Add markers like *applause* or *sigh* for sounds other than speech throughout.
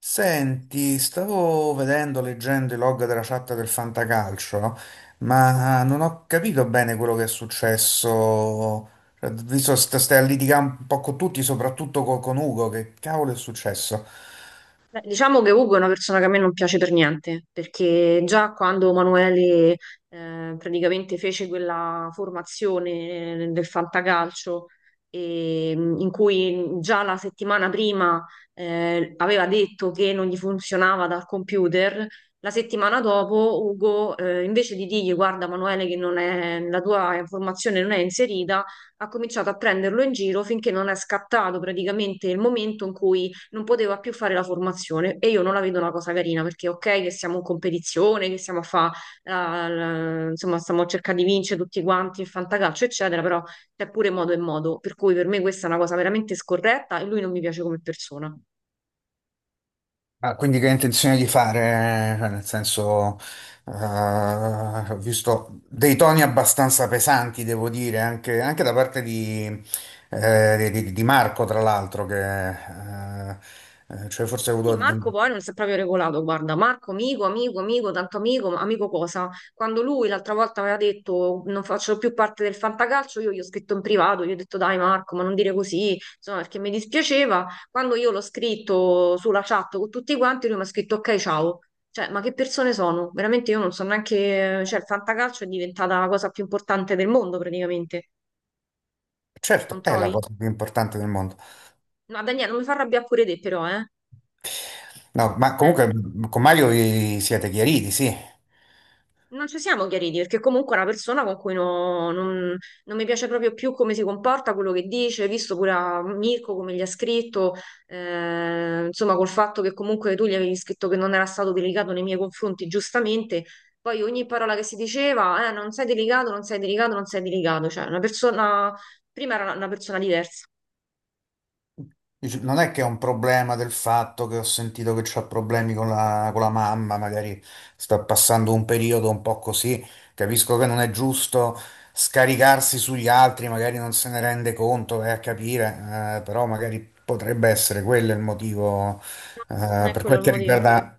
Senti, stavo vedendo, leggendo i log della chat del Fantacalcio, no? Ma non ho capito bene quello che è successo. Cioè, visto che stai a litigare un po' con tutti, soprattutto con Ugo, che cavolo è successo? Beh, diciamo che Ugo è una persona che a me non piace per niente, perché già quando Emanuele praticamente fece quella formazione del fantacalcio, in cui già la settimana prima aveva detto che non gli funzionava dal computer, la settimana dopo Ugo, invece di dirgli guarda Emanuele che non è- la tua formazione non è inserita, ha cominciato a prenderlo in giro finché non è scattato praticamente il momento in cui non poteva più fare la formazione e io non la vedo una cosa carina perché ok che siamo in competizione, che stiamo a fa, insomma stiamo cercando di vincere tutti quanti il fantacalcio eccetera, però c'è pure modo e modo, per cui per me questa è una cosa veramente scorretta e lui non mi piace come persona. Ah, quindi che hai intenzione di fare? Cioè, nel senso, ho visto dei toni abbastanza pesanti, devo dire, anche, anche da parte di, di Marco, tra l'altro, che... cioè forse ha avuto. Sì, Marco poi non si è proprio regolato, guarda, Marco amico, amico, amico, tanto amico, ma amico cosa? Quando lui l'altra volta aveva detto non faccio più parte del fantacalcio, io gli ho scritto in privato, gli ho detto dai Marco, ma non dire così, insomma, perché mi dispiaceva. Quando io l'ho scritto sulla chat con tutti quanti, lui mi ha scritto ok, ciao. Cioè, ma che persone sono? Veramente io non so neanche, cioè il fantacalcio è diventata la cosa più importante del mondo praticamente, non Certo, è la trovi? cosa più importante del mondo. No, Daniele, non mi fa arrabbiare pure te però, eh? No, ma Eh. comunque con Mario vi siete chiariti, sì. Non ci siamo chiariti perché comunque è una persona con cui non mi piace proprio più come si comporta, quello che dice, visto pure a Mirko come gli ha scritto, insomma col fatto che comunque tu gli avevi scritto che non era stato delicato nei miei confronti, giustamente, poi ogni parola che si diceva, non sei delicato, non sei delicato, non sei delicato, cioè una persona, prima era una persona diversa, Dice, non è che è un problema del fatto che ho sentito che c'ho problemi con la mamma, magari sto passando un periodo un po' così. Capisco che non è giusto scaricarsi sugli altri, magari non se ne rende conto, vai a capire, però magari potrebbe essere quello il motivo, non è per quello quel il che motivo. riguarda...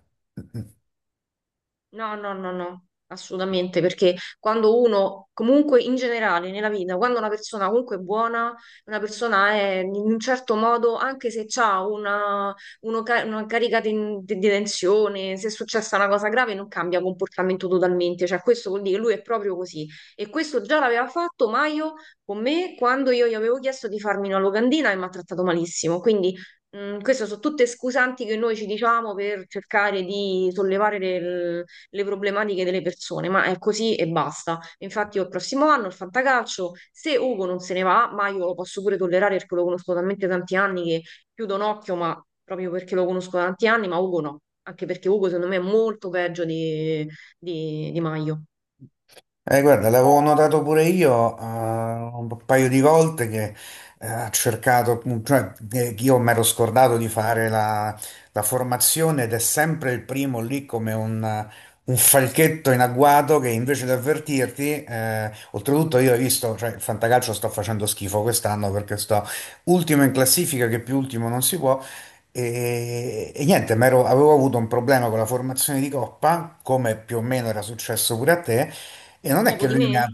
No, no, no, no, assolutamente, perché quando uno, comunque in generale nella vita, quando una persona comunque è buona, una persona è in un certo modo, anche se ha una, una carica di, di tensione, se è successa una cosa grave, non cambia comportamento totalmente, cioè questo vuol dire che lui è proprio così. E questo già l'aveva fatto Maio con me quando io gli avevo chiesto di farmi una locandina e mi ha trattato malissimo, quindi... queste sono tutte scusanti che noi ci diciamo per cercare di sollevare le problematiche delle persone, ma è così e basta. Infatti, io il prossimo anno il fantacalcio, se Ugo non se ne va, ma io lo posso pure tollerare perché lo conosco talmente tanti anni che chiudo un occhio, ma proprio perché lo conosco da tanti anni, ma Ugo no, anche perché Ugo secondo me è molto peggio di, di Maio. Guarda, l'avevo notato pure io un paio di volte che ha cercato, che io mi ero scordato di fare la, la formazione ed è sempre il primo lì come un falchetto in agguato che invece di avvertirti, oltretutto io ho visto, cioè il fantacalcio sto facendo schifo quest'anno perché sto ultimo in classifica, che più ultimo non si può. E niente, avevo avuto un problema con la formazione di coppa, come più o meno era successo pure a te, e non è Dopo che di lui mi ha... me?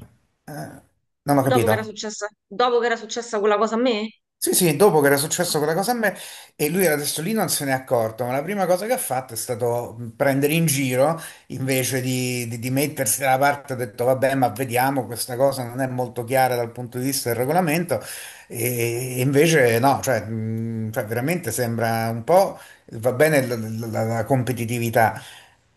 eh, non ho Dopo che era capito. successa, dopo che era successa quella cosa a me? Sì, sì, dopo che era successo quella cosa a me e lui era adesso lì non se n'è accorto, ma la prima cosa che ha fatto è stato prendere in giro invece di, di mettersi dalla parte, ha detto vabbè, ma vediamo, questa cosa non è molto chiara dal punto di vista del regolamento e invece no, cioè, cioè, veramente sembra un po', va bene la competitività,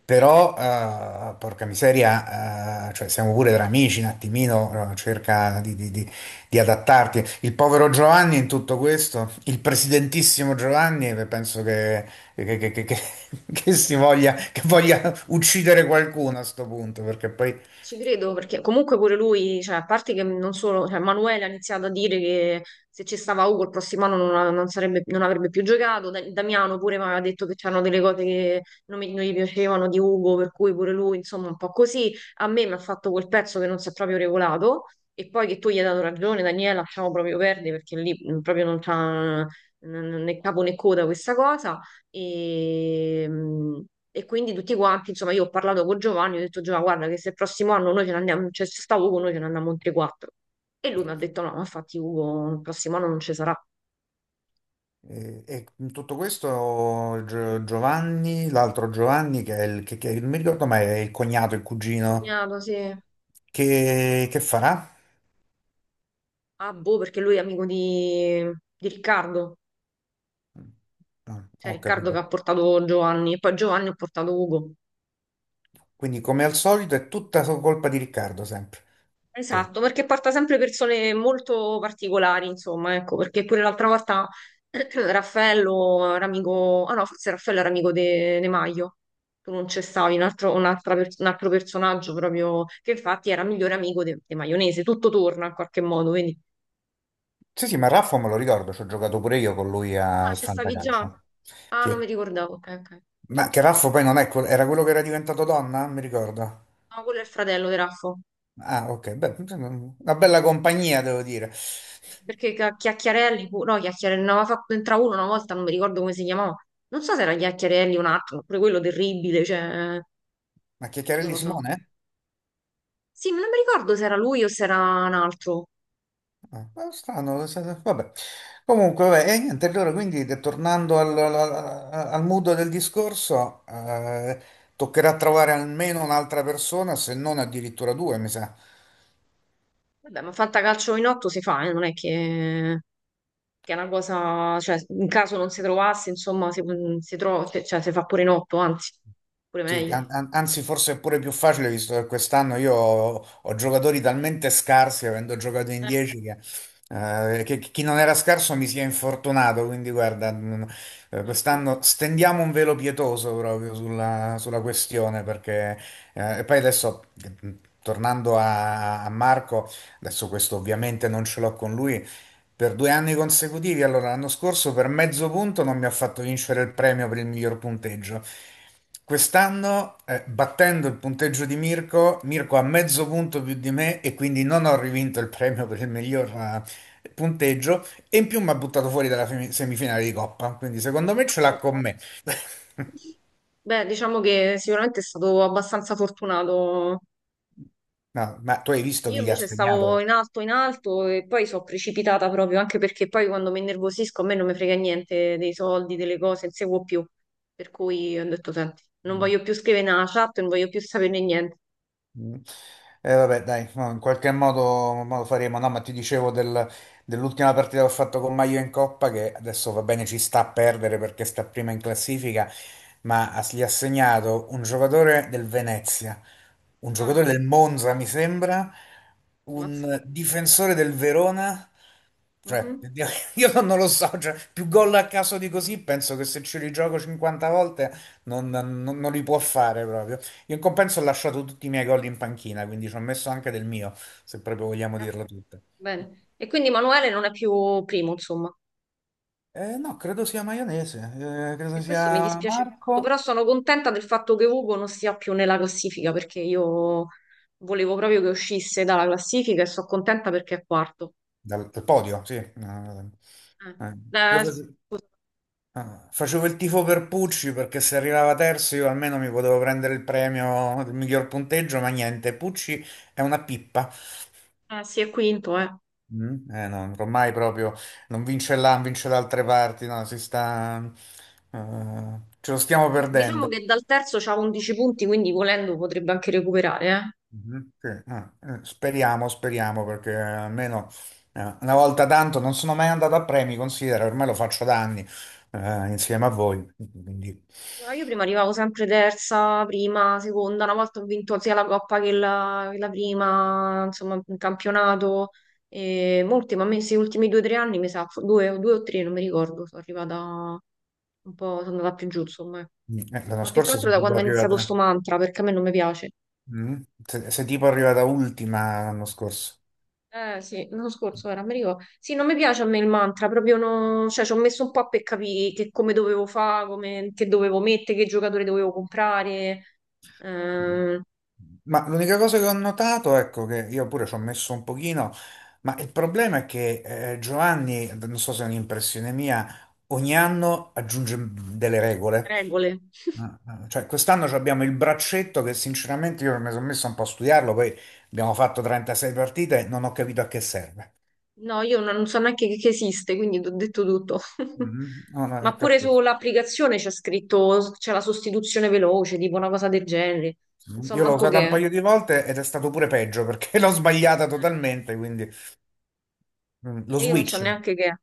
però porca miseria, cioè, siamo pure tra amici, un attimino cerca di, di adattarti. Il povero Giovanni in tutto questo, il presidentissimo Giovanni, che penso che, che- che- che- che- *laughs* che si voglia, che voglia uccidere qualcuno a sto punto, perché poi Ci credo perché comunque pure lui, cioè, a parte che non solo, cioè, Manuele ha iniziato a dire che se ci stava Ugo il prossimo anno non, non non avrebbe più giocato, Damiano pure mi aveva detto che c'erano delle cose che non, non gli piacevano di Ugo, per cui pure lui, insomma, un po' così. A me mi ha fatto quel pezzo che non si è proprio regolato e poi che tu gli hai dato ragione, Daniela, lasciamo proprio perdere perché lì proprio non c'ha né capo né coda questa cosa. E, e quindi tutti quanti, insomma, io ho parlato con Giovanni, ho detto Giovanni, guarda che se il prossimo anno noi ce ne andiamo, cioè se sta Ugo noi ce ne andiamo in 3-4. E lui mi ha detto no, ma infatti Ugo il prossimo anno non ci sarà. E in tutto questo Giovanni, l'altro Giovanni, che è il, che, non mi ricordo mai, è il cognato, il cugino, Cognato, sì. Che farà? Ah, boh, perché lui è amico di Riccardo, Ah, cioè ho Riccardo che capito. ha portato Giovanni, e poi Giovanni ha portato Ugo. Quindi come al solito è tutta colpa di Riccardo sempre. Esatto, perché porta sempre persone molto particolari, insomma, ecco, perché pure l'altra volta *clears throat* Raffaello era amico, ah no, forse Raffaello era amico de, De Maio, tu non c'è stavi, un altro, un altro personaggio proprio, che infatti era migliore amico de, de Maionese, tutto torna in qualche modo, quindi... Sì, sì, ma Raffo me lo ricordo, ci ho giocato pure io con lui No, al c'è stavi già? Fantacalcio. Ah, non Sì. mi ricordavo, ok, ok. Ma che Raffo poi non è quel- era quello che era diventato donna? Mi ricordo. No, quello è il fratello di Raffo. Ah, ok, beh, sì, sì, una bella compagnia, devo dire. Perché Chiacchiarelli, no, Chiacchiarelli, ne aveva fatto entrare uno una volta, non mi ricordo come si chiamava. Non so se era Chiacchiarelli o un altro, pure quello terribile, cioè, Ma non Chiacchiarelli lo so. Simone? Sì, ma non mi ricordo se era lui o se era un altro. Ah, ma strano, vabbè. Comunque, vabbè, e niente, allora quindi tornando al mood del discorso, toccherà trovare almeno un'altra persona, se non addirittura due, mi sa. Vabbè, ma fantacalcio in otto si fa, non è che è una cosa, cioè, in caso non si trovasse, insomma, si, si trova, cioè, si fa pure in otto, anzi, pure Sì, meglio. Anzi forse è pure più facile visto che quest'anno io ho, ho giocatori talmente scarsi, avendo giocato in Eh, 10, che chi non era scarso mi si è infortunato, quindi guarda, mm, no, quest'anno infatti. stendiamo un velo pietoso proprio sulla, sulla questione, perché e poi adesso, mm, tornando a, a Marco, adesso questo ovviamente non ce l'ho con lui, per due anni consecutivi, allora l'anno scorso per mezzo punto non mi ha fatto vincere il premio per il miglior punteggio. Quest'anno, battendo il punteggio di Mirko, Mirko ha mezzo punto più di me e quindi non ho rivinto il premio per il miglior punteggio e in più mi ha buttato fuori dalla semifinale di Coppa, quindi secondo me ce l'ha con me. *laughs* Beh, diciamo che sicuramente è stato abbastanza fortunato. No, ma tu hai visto Io chi gli ha invece stavo segnato? In alto e poi sono precipitata proprio, anche perché poi quando mi innervosisco a me non mi frega niente dei soldi, delle cose, non seguo più. Per cui ho detto, senti, non voglio più scrivere nella chat, non voglio più saperne niente. Mm. Vabbè, dai, no, in qualche modo faremo. No, ma ti dicevo dell'ultima partita che ho fatto con Maio in Coppa, che adesso va bene, ci sta a perdere perché sta prima in classifica, ma gli ha segnato un giocatore del Venezia, un giocatore Ah, del Monza, mi sembra, mazza. un difensore del Verona. Cioè, Mhm. io *laughs* io non lo so, cioè, più gol a caso di così, penso che se ci rigioco 50 volte non, non li può fare proprio. Io in compenso ho lasciato tutti i miei gol in panchina, quindi ci ho messo anche del mio, se proprio vogliamo Ah, dirla tutta. bene. E quindi Manuele non è più primo, insomma. No, credo sia maionese, E credo questo mi sia dispiace molto, però Marco. sono contenta del fatto che Ugo non sia più nella classifica, perché io volevo proprio che uscisse dalla classifica e sono contenta perché è quarto. Dal, dal podio, sì. Eh, eh, io face- scusa, facevo il tifo per Pucci perché se arrivava terzo io almeno mi potevo prendere il premio del miglior punteggio, ma niente, Pucci è una pippa. Sì, è quinto, eh. Mm, no, ormai proprio non vince là, non vince da altre parti, no, si sta... ce lo stiamo Diciamo perdendo. che dal terzo c'ha 11 punti, quindi volendo potrebbe anche recuperare, eh. Mhm, sì. Ah, speriamo, speriamo, perché almeno una volta tanto non sono mai andato a premi, considera, ormai lo faccio da anni insieme a voi. Quindi, No, io prima arrivavo sempre terza, prima, seconda, una volta ho vinto sia la Coppa che la prima, insomma, un campionato. E molti, ma a me questi ultimi due o tre anni, mi sa, due, due o tre, non mi ricordo, sono arrivata un po', sono andata più giù, insomma. Eh. mm, l'anno Ma più che scorso altro sei da tipo quando è iniziato arrivata, sto mantra, perché a me non mi piace. mm, sei tipo arrivata ultima l'anno scorso. Eh sì, l'anno scorso era, mi ricordo. Sì, non mi piace a me il mantra, proprio no... Cioè, ci ho messo un po' per capire che come dovevo fare, come... che dovevo mettere, che giocatore dovevo comprare, Mm. ehm, Ma l'unica cosa che ho notato, ecco, che io pure ci ho messo un pochino, ma il problema è che Giovanni, non so se è un'impressione mia, ogni anno aggiunge delle regole. regole. Ah, ah, cioè, quest'anno ci abbiamo il braccetto che sinceramente io mi sono messo un po' a studiarlo, poi abbiamo fatto 36 partite e non ho capito a che serve. No, io non so neanche che esiste, quindi ti ho detto tutto. *laughs* Mhm. Non ho Ma pure capito. sull'applicazione c'è scritto, c'è la sostituzione veloce, tipo una cosa del genere. Non so Io l'ho manco usata che un è. paio di volte ed è stato pure peggio perché *laughs* l'ho sbagliata Eh, totalmente, quindi mm, lo E io non so switch. neanche che è.